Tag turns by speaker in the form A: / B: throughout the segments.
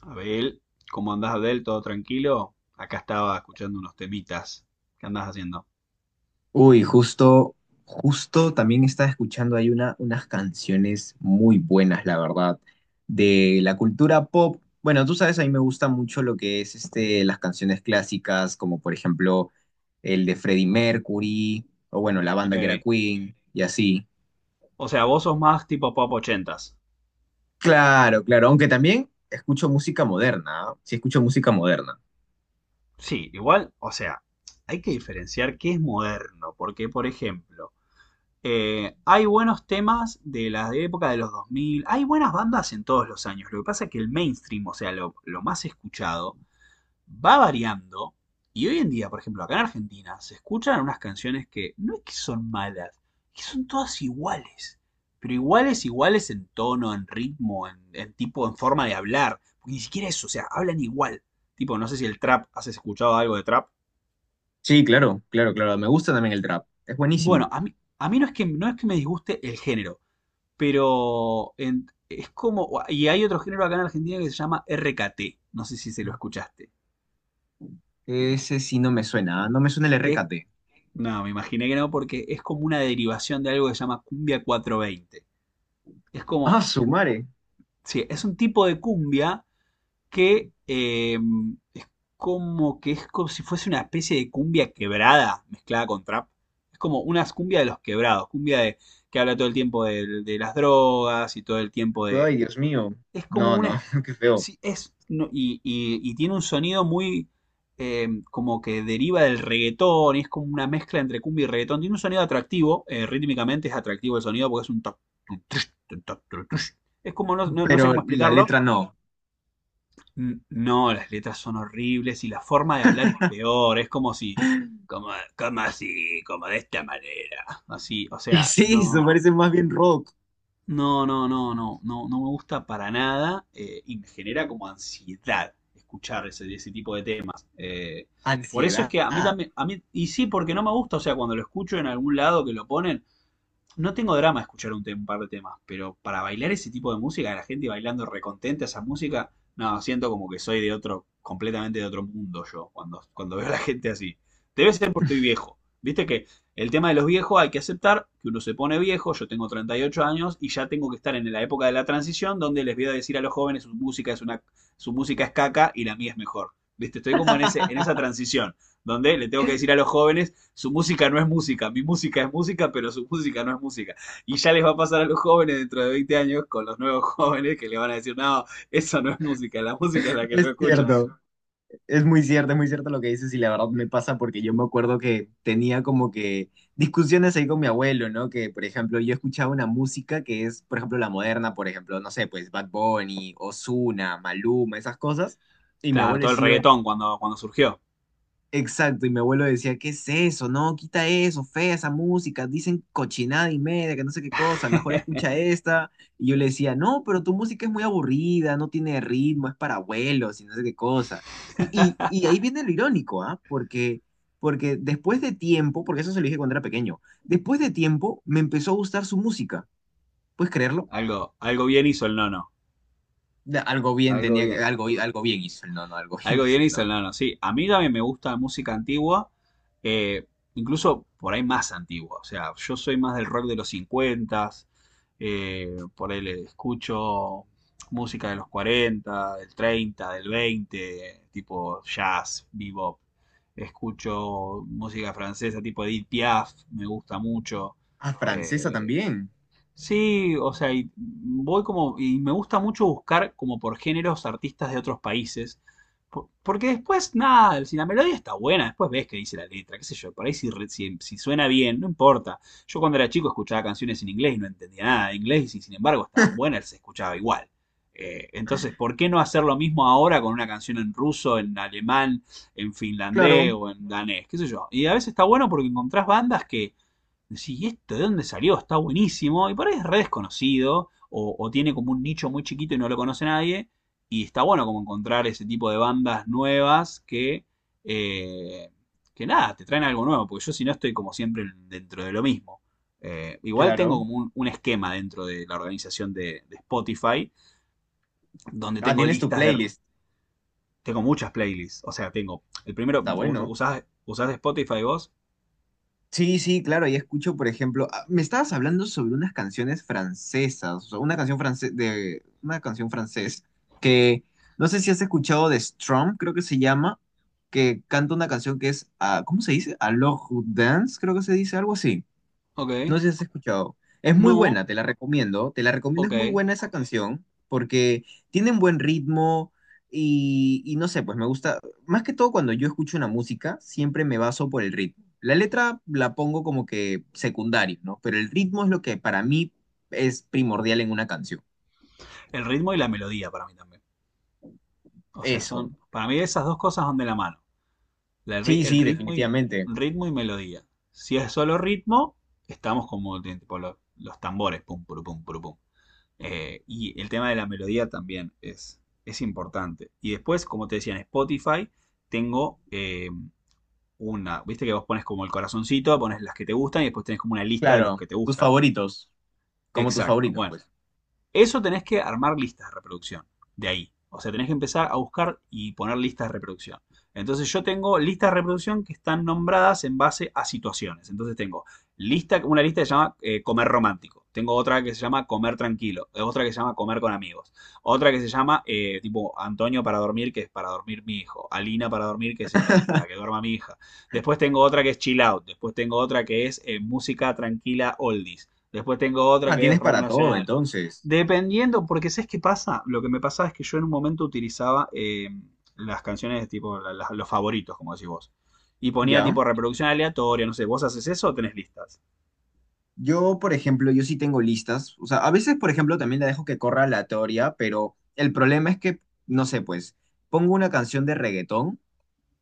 A: Abel, ¿cómo andás, Abel? ¿Todo tranquilo? Acá estaba escuchando unos temitas. ¿Qué andás haciendo?
B: Uy, justo, justo también estaba escuchando ahí unas canciones muy buenas, la verdad, de la cultura pop. Bueno, tú sabes, a mí me gusta mucho lo que es las canciones clásicas, como por ejemplo el de Freddie Mercury, o bueno, la banda que era
A: Ok.
B: Queen, y así.
A: O sea, vos sos más tipo pop ochentas.
B: Claro, claro, aunque también escucho música moderna, ¿ah? Sí, escucho música moderna.
A: Sí, igual, o sea, hay que diferenciar qué es moderno, porque, por ejemplo, hay buenos temas de la época de los 2000. Hay buenas bandas en todos los años. Lo que pasa es que el mainstream, o sea, lo más escuchado, va variando. Y hoy en día, por ejemplo, acá en Argentina, se escuchan unas canciones que no es que son malas, que son todas iguales. Pero iguales, iguales en tono, en ritmo, en tipo, en forma de hablar. Porque ni siquiera eso, o sea, hablan igual. Tipo, no sé si el trap, ¿has escuchado algo de trap?
B: Sí, claro, claro, claro, me gusta también el trap, es
A: Bueno,
B: buenísimo.
A: a mí no es que me disguste el género, pero es como, y hay otro género acá en Argentina que se llama RKT, no sé si se lo escuchaste,
B: Ese sí no me suena, ¿ah? No me suena el
A: que es.
B: RKT.
A: No, me imaginé que no, porque es como una derivación de algo que se llama cumbia 420. Es
B: Ah,
A: como,
B: su madre.
A: sí, es un tipo de cumbia que es como que es como si fuese una especie de cumbia quebrada mezclada con trap. Es como una cumbia de los quebrados, cumbia de, que habla todo el tiempo de las drogas y todo el tiempo de.
B: Ay, Dios mío.
A: Es como
B: No, no,
A: una,
B: qué feo.
A: sí, es, no, y tiene un sonido muy como que deriva del reggaetón, y es como una mezcla entre cumbia y reggaetón. Tiene un sonido atractivo, rítmicamente es atractivo el sonido porque es un. Toc, tun, tush, tun, toc, tun, tush. Es como, no, no sé
B: Pero
A: cómo
B: la
A: explicarlo.
B: letra no.
A: No, las letras son horribles y la forma de hablar es peor, es como si. Como, como así, como de esta manera. Así, o
B: ¿Qué
A: sea,
B: es eso?
A: no.
B: Parece más bien rock.
A: No, no, no, no, no, no me gusta para nada y me genera como ansiedad escuchar ese tipo de temas. Por eso es
B: Ansiedad.
A: que a mí también, a mí, y sí, porque no me gusta, o sea, cuando lo escucho en algún lado que lo ponen, no tengo drama escuchar un par de temas, pero para bailar ese tipo de música, la gente bailando recontenta esa música, no, siento como que soy de otro, completamente de otro mundo yo, cuando veo a la gente así. Debe ser porque estoy viejo. Viste que el tema de los viejos hay que aceptar que uno se pone viejo, yo tengo 38 años y ya tengo que estar en la época de la transición donde les voy a decir a los jóvenes su música es una, su música es caca y la mía es mejor. Viste, estoy como en ese, en esa transición donde le tengo que decir a los jóvenes su música no es música, mi música es música, pero su música no es música. Y ya les va a pasar a los jóvenes dentro de 20 años con los nuevos jóvenes que le van a decir, no, eso no es música, la música es la que yo
B: Es
A: escucho.
B: cierto. Es muy cierto, es muy cierto lo que dices y la verdad me pasa porque yo me acuerdo que tenía como que discusiones ahí con mi abuelo, ¿no? Que, por ejemplo, yo escuchaba una música que es, por ejemplo, la moderna, por ejemplo, no sé, pues Bad Bunny, Ozuna, Maluma, esas cosas. Y mi
A: Claro,
B: abuelo
A: todo el
B: decía,
A: reggaetón cuando surgió.
B: exacto, y mi abuelo decía, ¿qué es eso? No, quita eso, fea esa música, dicen cochinada y media, que no sé qué cosa, mejor escucha esta. Y yo le decía, no, pero tu música es muy aburrida, no tiene ritmo, es para abuelos y no sé qué cosa. Y, y ahí viene lo irónico, ¿ah? Porque después de tiempo, porque eso se lo dije cuando era pequeño, después de tiempo me empezó a gustar su música, ¿puedes creerlo?
A: Algo bien hizo el nono.
B: Da- Algo bien
A: Algo
B: tenía que,
A: bien.
B: algo, algo bien hizo el nono, algo bien
A: Algo
B: hizo
A: bien
B: el nono.
A: instalado, sí. A mí también me gusta la música antigua, eh, incluso por ahí más antigua. O sea, yo soy más del rock de los 50, eh, por ahí le escucho música de los 40 del 30 del 20 tipo jazz, bebop. Escucho música francesa tipo Edith Piaf, me gusta mucho.
B: Ah, francesa
A: Eh,
B: también.
A: Sí, o sea, y voy como, y me gusta mucho buscar como por géneros artistas de otros países, porque después, nada, si la melodía está buena, después ves qué dice la letra, qué sé yo, por ahí si, si suena bien, no importa. Yo cuando era chico escuchaba canciones en inglés y no entendía nada de inglés y sin embargo estaban buenas, se escuchaba igual. Entonces, ¿por qué no hacer lo mismo ahora con una canción en ruso, en alemán, en
B: Claro,
A: finlandés o en danés? ¿Qué sé yo? Y a veces está bueno porque encontrás bandas que decís, ¿y esto de dónde salió? Está buenísimo. Y por ahí es re desconocido, o tiene como un nicho muy chiquito y no lo conoce nadie. Y está bueno como encontrar ese tipo de bandas nuevas eh, que nada, te traen algo nuevo, porque yo si no estoy como siempre dentro de lo mismo. Igual tengo
B: claro.
A: como un esquema dentro de la organización de Spotify, donde
B: Ah,
A: tengo
B: tienes tu
A: listas de.
B: playlist.
A: Tengo muchas playlists, o sea, tengo. El primero,
B: Está
A: ¿us-
B: bueno.
A: ¿usás, usás Spotify vos?
B: Sí, sí, claro, ahí escucho, por ejemplo, ah, me estabas hablando sobre unas canciones francesas, o sea, una canción france- de una canción francés que no sé si has escuchado de Strom, creo que se llama, que canta una canción que es, ah, ¿cómo se dice? Alors Dance, creo que se dice algo así. No
A: Ok.
B: sé si has escuchado. Es muy
A: No,
B: buena, te la recomiendo. Te la recomiendo,
A: ok.
B: es muy buena esa canción porque tiene un buen ritmo y no sé, pues me gusta. Más que todo cuando yo escucho una música, siempre me baso por el ritmo. La letra la pongo como que secundario, ¿no? Pero el ritmo es lo que para mí es primordial en una canción.
A: El ritmo y la melodía para mí también. O sea,
B: Eso.
A: son. Para mí esas dos cosas son de la mano.
B: Sí,
A: El
B: sí,
A: ritmo y,
B: definitivamente.
A: ritmo y melodía. Si es solo ritmo, estamos como tipo, los tambores. Pum, puru, pum, puru, pum. Y el tema de la melodía también es importante. Y después, como te decía, en Spotify tengo una. Viste que vos pones como el corazoncito, pones las que te gustan y después tenés como una lista de los
B: Claro,
A: que te
B: tus
A: gustan.
B: favoritos, como tus
A: Exacto.
B: favoritos,
A: Bueno.
B: pues.
A: Eso tenés que armar listas de reproducción, de ahí. O sea, tenés que empezar a buscar y poner listas de reproducción. Entonces yo tengo listas de reproducción que están nombradas en base a situaciones. Entonces tengo lista, una lista que se llama comer romántico. Tengo otra que se llama comer tranquilo. Otra que se llama comer con amigos. Otra que se llama tipo Antonio para dormir, que es para dormir mi hijo. Alina para dormir, que es para que duerma mi hija. Después tengo otra que es chill out. Después tengo otra que es música tranquila oldies. Después tengo otra
B: Ah,
A: que es
B: tienes
A: rock
B: para todo,
A: nacional.
B: entonces.
A: Dependiendo, porque ¿sabes qué pasa? Lo que me pasaba es que yo en un momento utilizaba las canciones de tipo los favoritos, como decís vos. Y ponía
B: ¿Ya?
A: tipo reproducción aleatoria, no sé, ¿vos haces eso o tenés listas?
B: Yo, por ejemplo, yo sí tengo listas. O sea, a veces, por ejemplo, también la dejo que corra aleatoria, pero el problema es que, no sé, pues, pongo una canción de reggaetón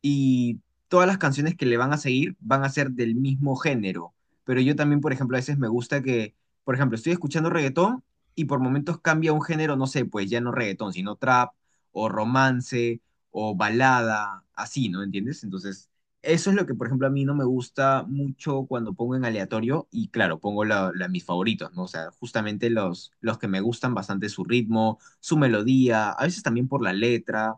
B: y todas las canciones que le van a seguir van a ser del mismo género. Pero yo también, por ejemplo, a veces me gusta que, por ejemplo, estoy escuchando reggaetón y por momentos cambia un género, no sé, pues ya no reggaetón, sino trap o romance o balada, así, ¿no? ¿Entiendes? Entonces, eso es lo que, por ejemplo, a mí no me gusta mucho cuando pongo en aleatorio y claro, pongo mis favoritos, ¿no? O sea, justamente los que me gustan bastante su ritmo, su melodía, a veces también por la letra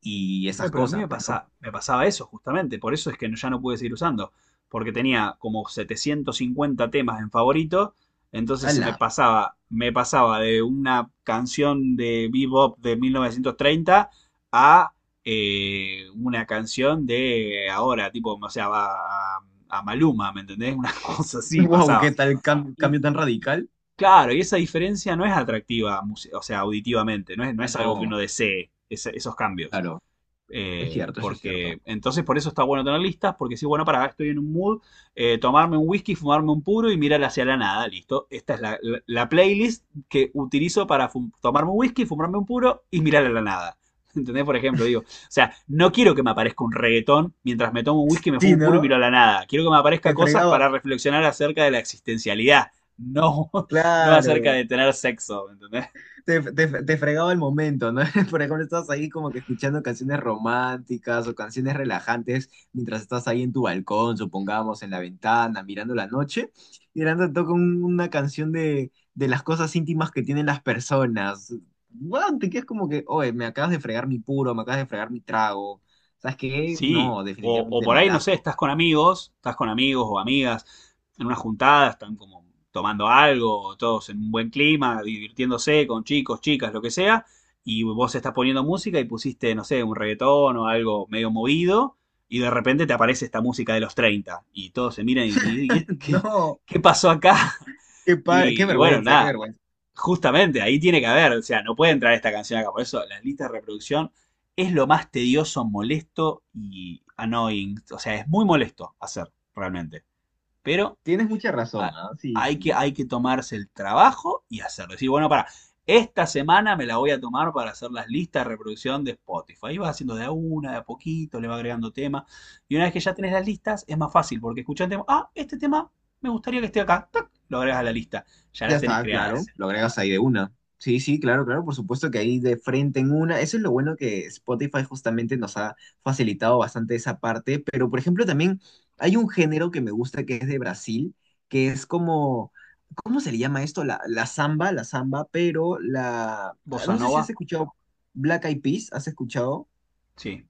B: y
A: Oye,
B: esas
A: pero a mí
B: cosas,
A: me
B: pues, ¿no?
A: pasa, me pasaba eso justamente, por eso es que ya no pude seguir usando, porque tenía como 750 temas en favorito, entonces se
B: ¡Hala!
A: me pasaba de una canción de bebop de 1930 a una canción de ahora, tipo, o sea, a, a Maluma, ¿me entendés? Una cosa así
B: Wow,
A: pasaba.
B: ¿qué tal cam-
A: Y,
B: cambio tan
A: y-
B: radical?
A: claro, y esa diferencia no es atractiva, o sea, auditivamente, no es, no
B: Ah,
A: es algo que
B: no,
A: uno desee, esos cambios.
B: claro, es cierto, eso es cierto.
A: Porque entonces por eso está bueno tener listas, porque si, bueno, para, acá estoy en un mood, tomarme un whisky, fumarme un puro y mirar hacia la nada, listo. Esta es la playlist que utilizo para tomarme un whisky, fumarme un puro y mirar a la nada. ¿Entendés? Por ejemplo, digo, o sea, no quiero que me aparezca un reggaetón mientras me tomo un whisky, me fumo
B: Sí,
A: un puro y
B: ¿no?
A: miro a la nada. Quiero que me aparezca
B: Te
A: cosas para
B: fregaba.
A: reflexionar acerca de la existencialidad, no, no acerca
B: Claro.
A: de tener sexo, ¿entendés?
B: Te fregaba el momento, ¿no? Por ejemplo, estás ahí como que escuchando canciones románticas o canciones relajantes mientras estás ahí en tu balcón, supongamos, en la ventana, mirando la noche, y de la nada toca un- una canción de las cosas íntimas que tienen las personas. Bueno, te quedas como que, oye, me acabas de fregar mi puro, me acabas de fregar mi trago. ¿Sabes qué?
A: Sí,
B: No,
A: o
B: definitivamente
A: por ahí, no sé,
B: malazo.
A: estás con amigos o amigas en una juntada, están como tomando algo, todos en un buen clima, divirtiéndose con chicos, chicas, lo que sea, y vos estás poniendo música y pusiste, no sé, un reggaetón o algo medio movido, y de repente te aparece esta música de los 30 y todos se miran y ¿qué,
B: No,
A: qué pasó acá?
B: qué, pa- qué
A: Y bueno,
B: vergüenza, qué
A: nada,
B: vergüenza.
A: justamente, ahí tiene que haber, o sea, no puede entrar esta canción acá. Por eso, las listas de reproducción es lo más tedioso, molesto y annoying. O sea, es muy molesto hacer, realmente. Pero
B: Tienes mucha razón,
A: a-
B: ¿ah? Sí,
A: hay que,
B: sí.
A: hay que tomarse el trabajo y hacerlo. Decir, bueno, para, esta semana me la voy a tomar para hacer las listas de reproducción de Spotify. Ahí vas haciendo de a una, de a poquito, le vas agregando temas. Y una vez que ya tenés las listas, es más fácil, porque escuchás el tema, ah, este tema me gustaría que esté acá. ¡Tac! Lo agregas a la lista. Ya
B: Ya
A: las tenés
B: está, claro,
A: creadas.
B: lo agregas ahí de una. Sí, sí, claro, claro, por supuesto que ahí de frente en una. Eso es lo bueno que Spotify justamente nos ha facilitado bastante esa parte, pero por ejemplo también hay un género que me gusta que es de Brasil, que es como, ¿cómo se le llama esto? La samba, la samba, pero la,
A: Bossa
B: no sé si
A: Nova,
B: has escuchado Black Eyed Peas, ¿has escuchado?
A: sí.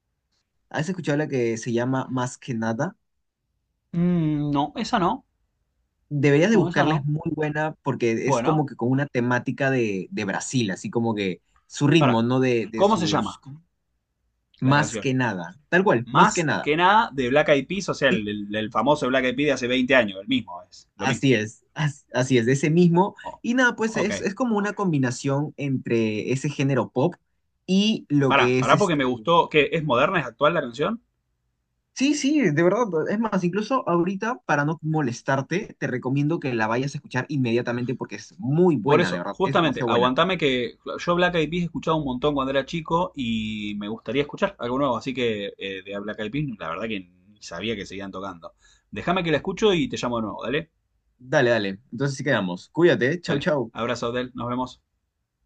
B: ¿Has escuchado la que se llama Más que nada?
A: Mm, no, esa no.
B: Deberías de
A: No, esa
B: buscarla, es
A: no.
B: muy buena porque es como
A: Bueno,
B: que con una temática de Brasil, así como que su
A: para.
B: ritmo, ¿no? De
A: ¿Cómo se
B: sus...
A: llama la
B: Más
A: canción?
B: que nada, tal cual, más que
A: Más
B: nada.
A: que nada de Black Eyed Peas, o sea,
B: Sí,
A: el famoso Black Eyed Peas de hace 20 años, el mismo, es lo mismo.
B: así es, as- así es, de ese mismo.
A: Oh,
B: Y nada, pues
A: ok.
B: es como una combinación entre ese género pop y lo
A: Pará,
B: que
A: pará
B: es
A: porque me
B: este...
A: gustó, que es moderna, es actual la canción.
B: Sí, sí, de verdad. Es más, incluso ahorita, para no molestarte, te recomiendo que la vayas a escuchar inmediatamente porque es muy
A: Por
B: buena, de
A: eso,
B: verdad, es
A: justamente,
B: demasiado buena.
A: aguantame que yo Black Eyed Peas he escuchado un montón cuando era chico y me gustaría escuchar algo nuevo, así que de Black Eyed Peas, la verdad que ni sabía que seguían tocando. Déjame que la escucho y te llamo de nuevo, dale,
B: Dale, dale. Entonces sí quedamos. Cuídate. Chau,
A: dale.
B: chau.
A: Abrazo, Del, nos vemos.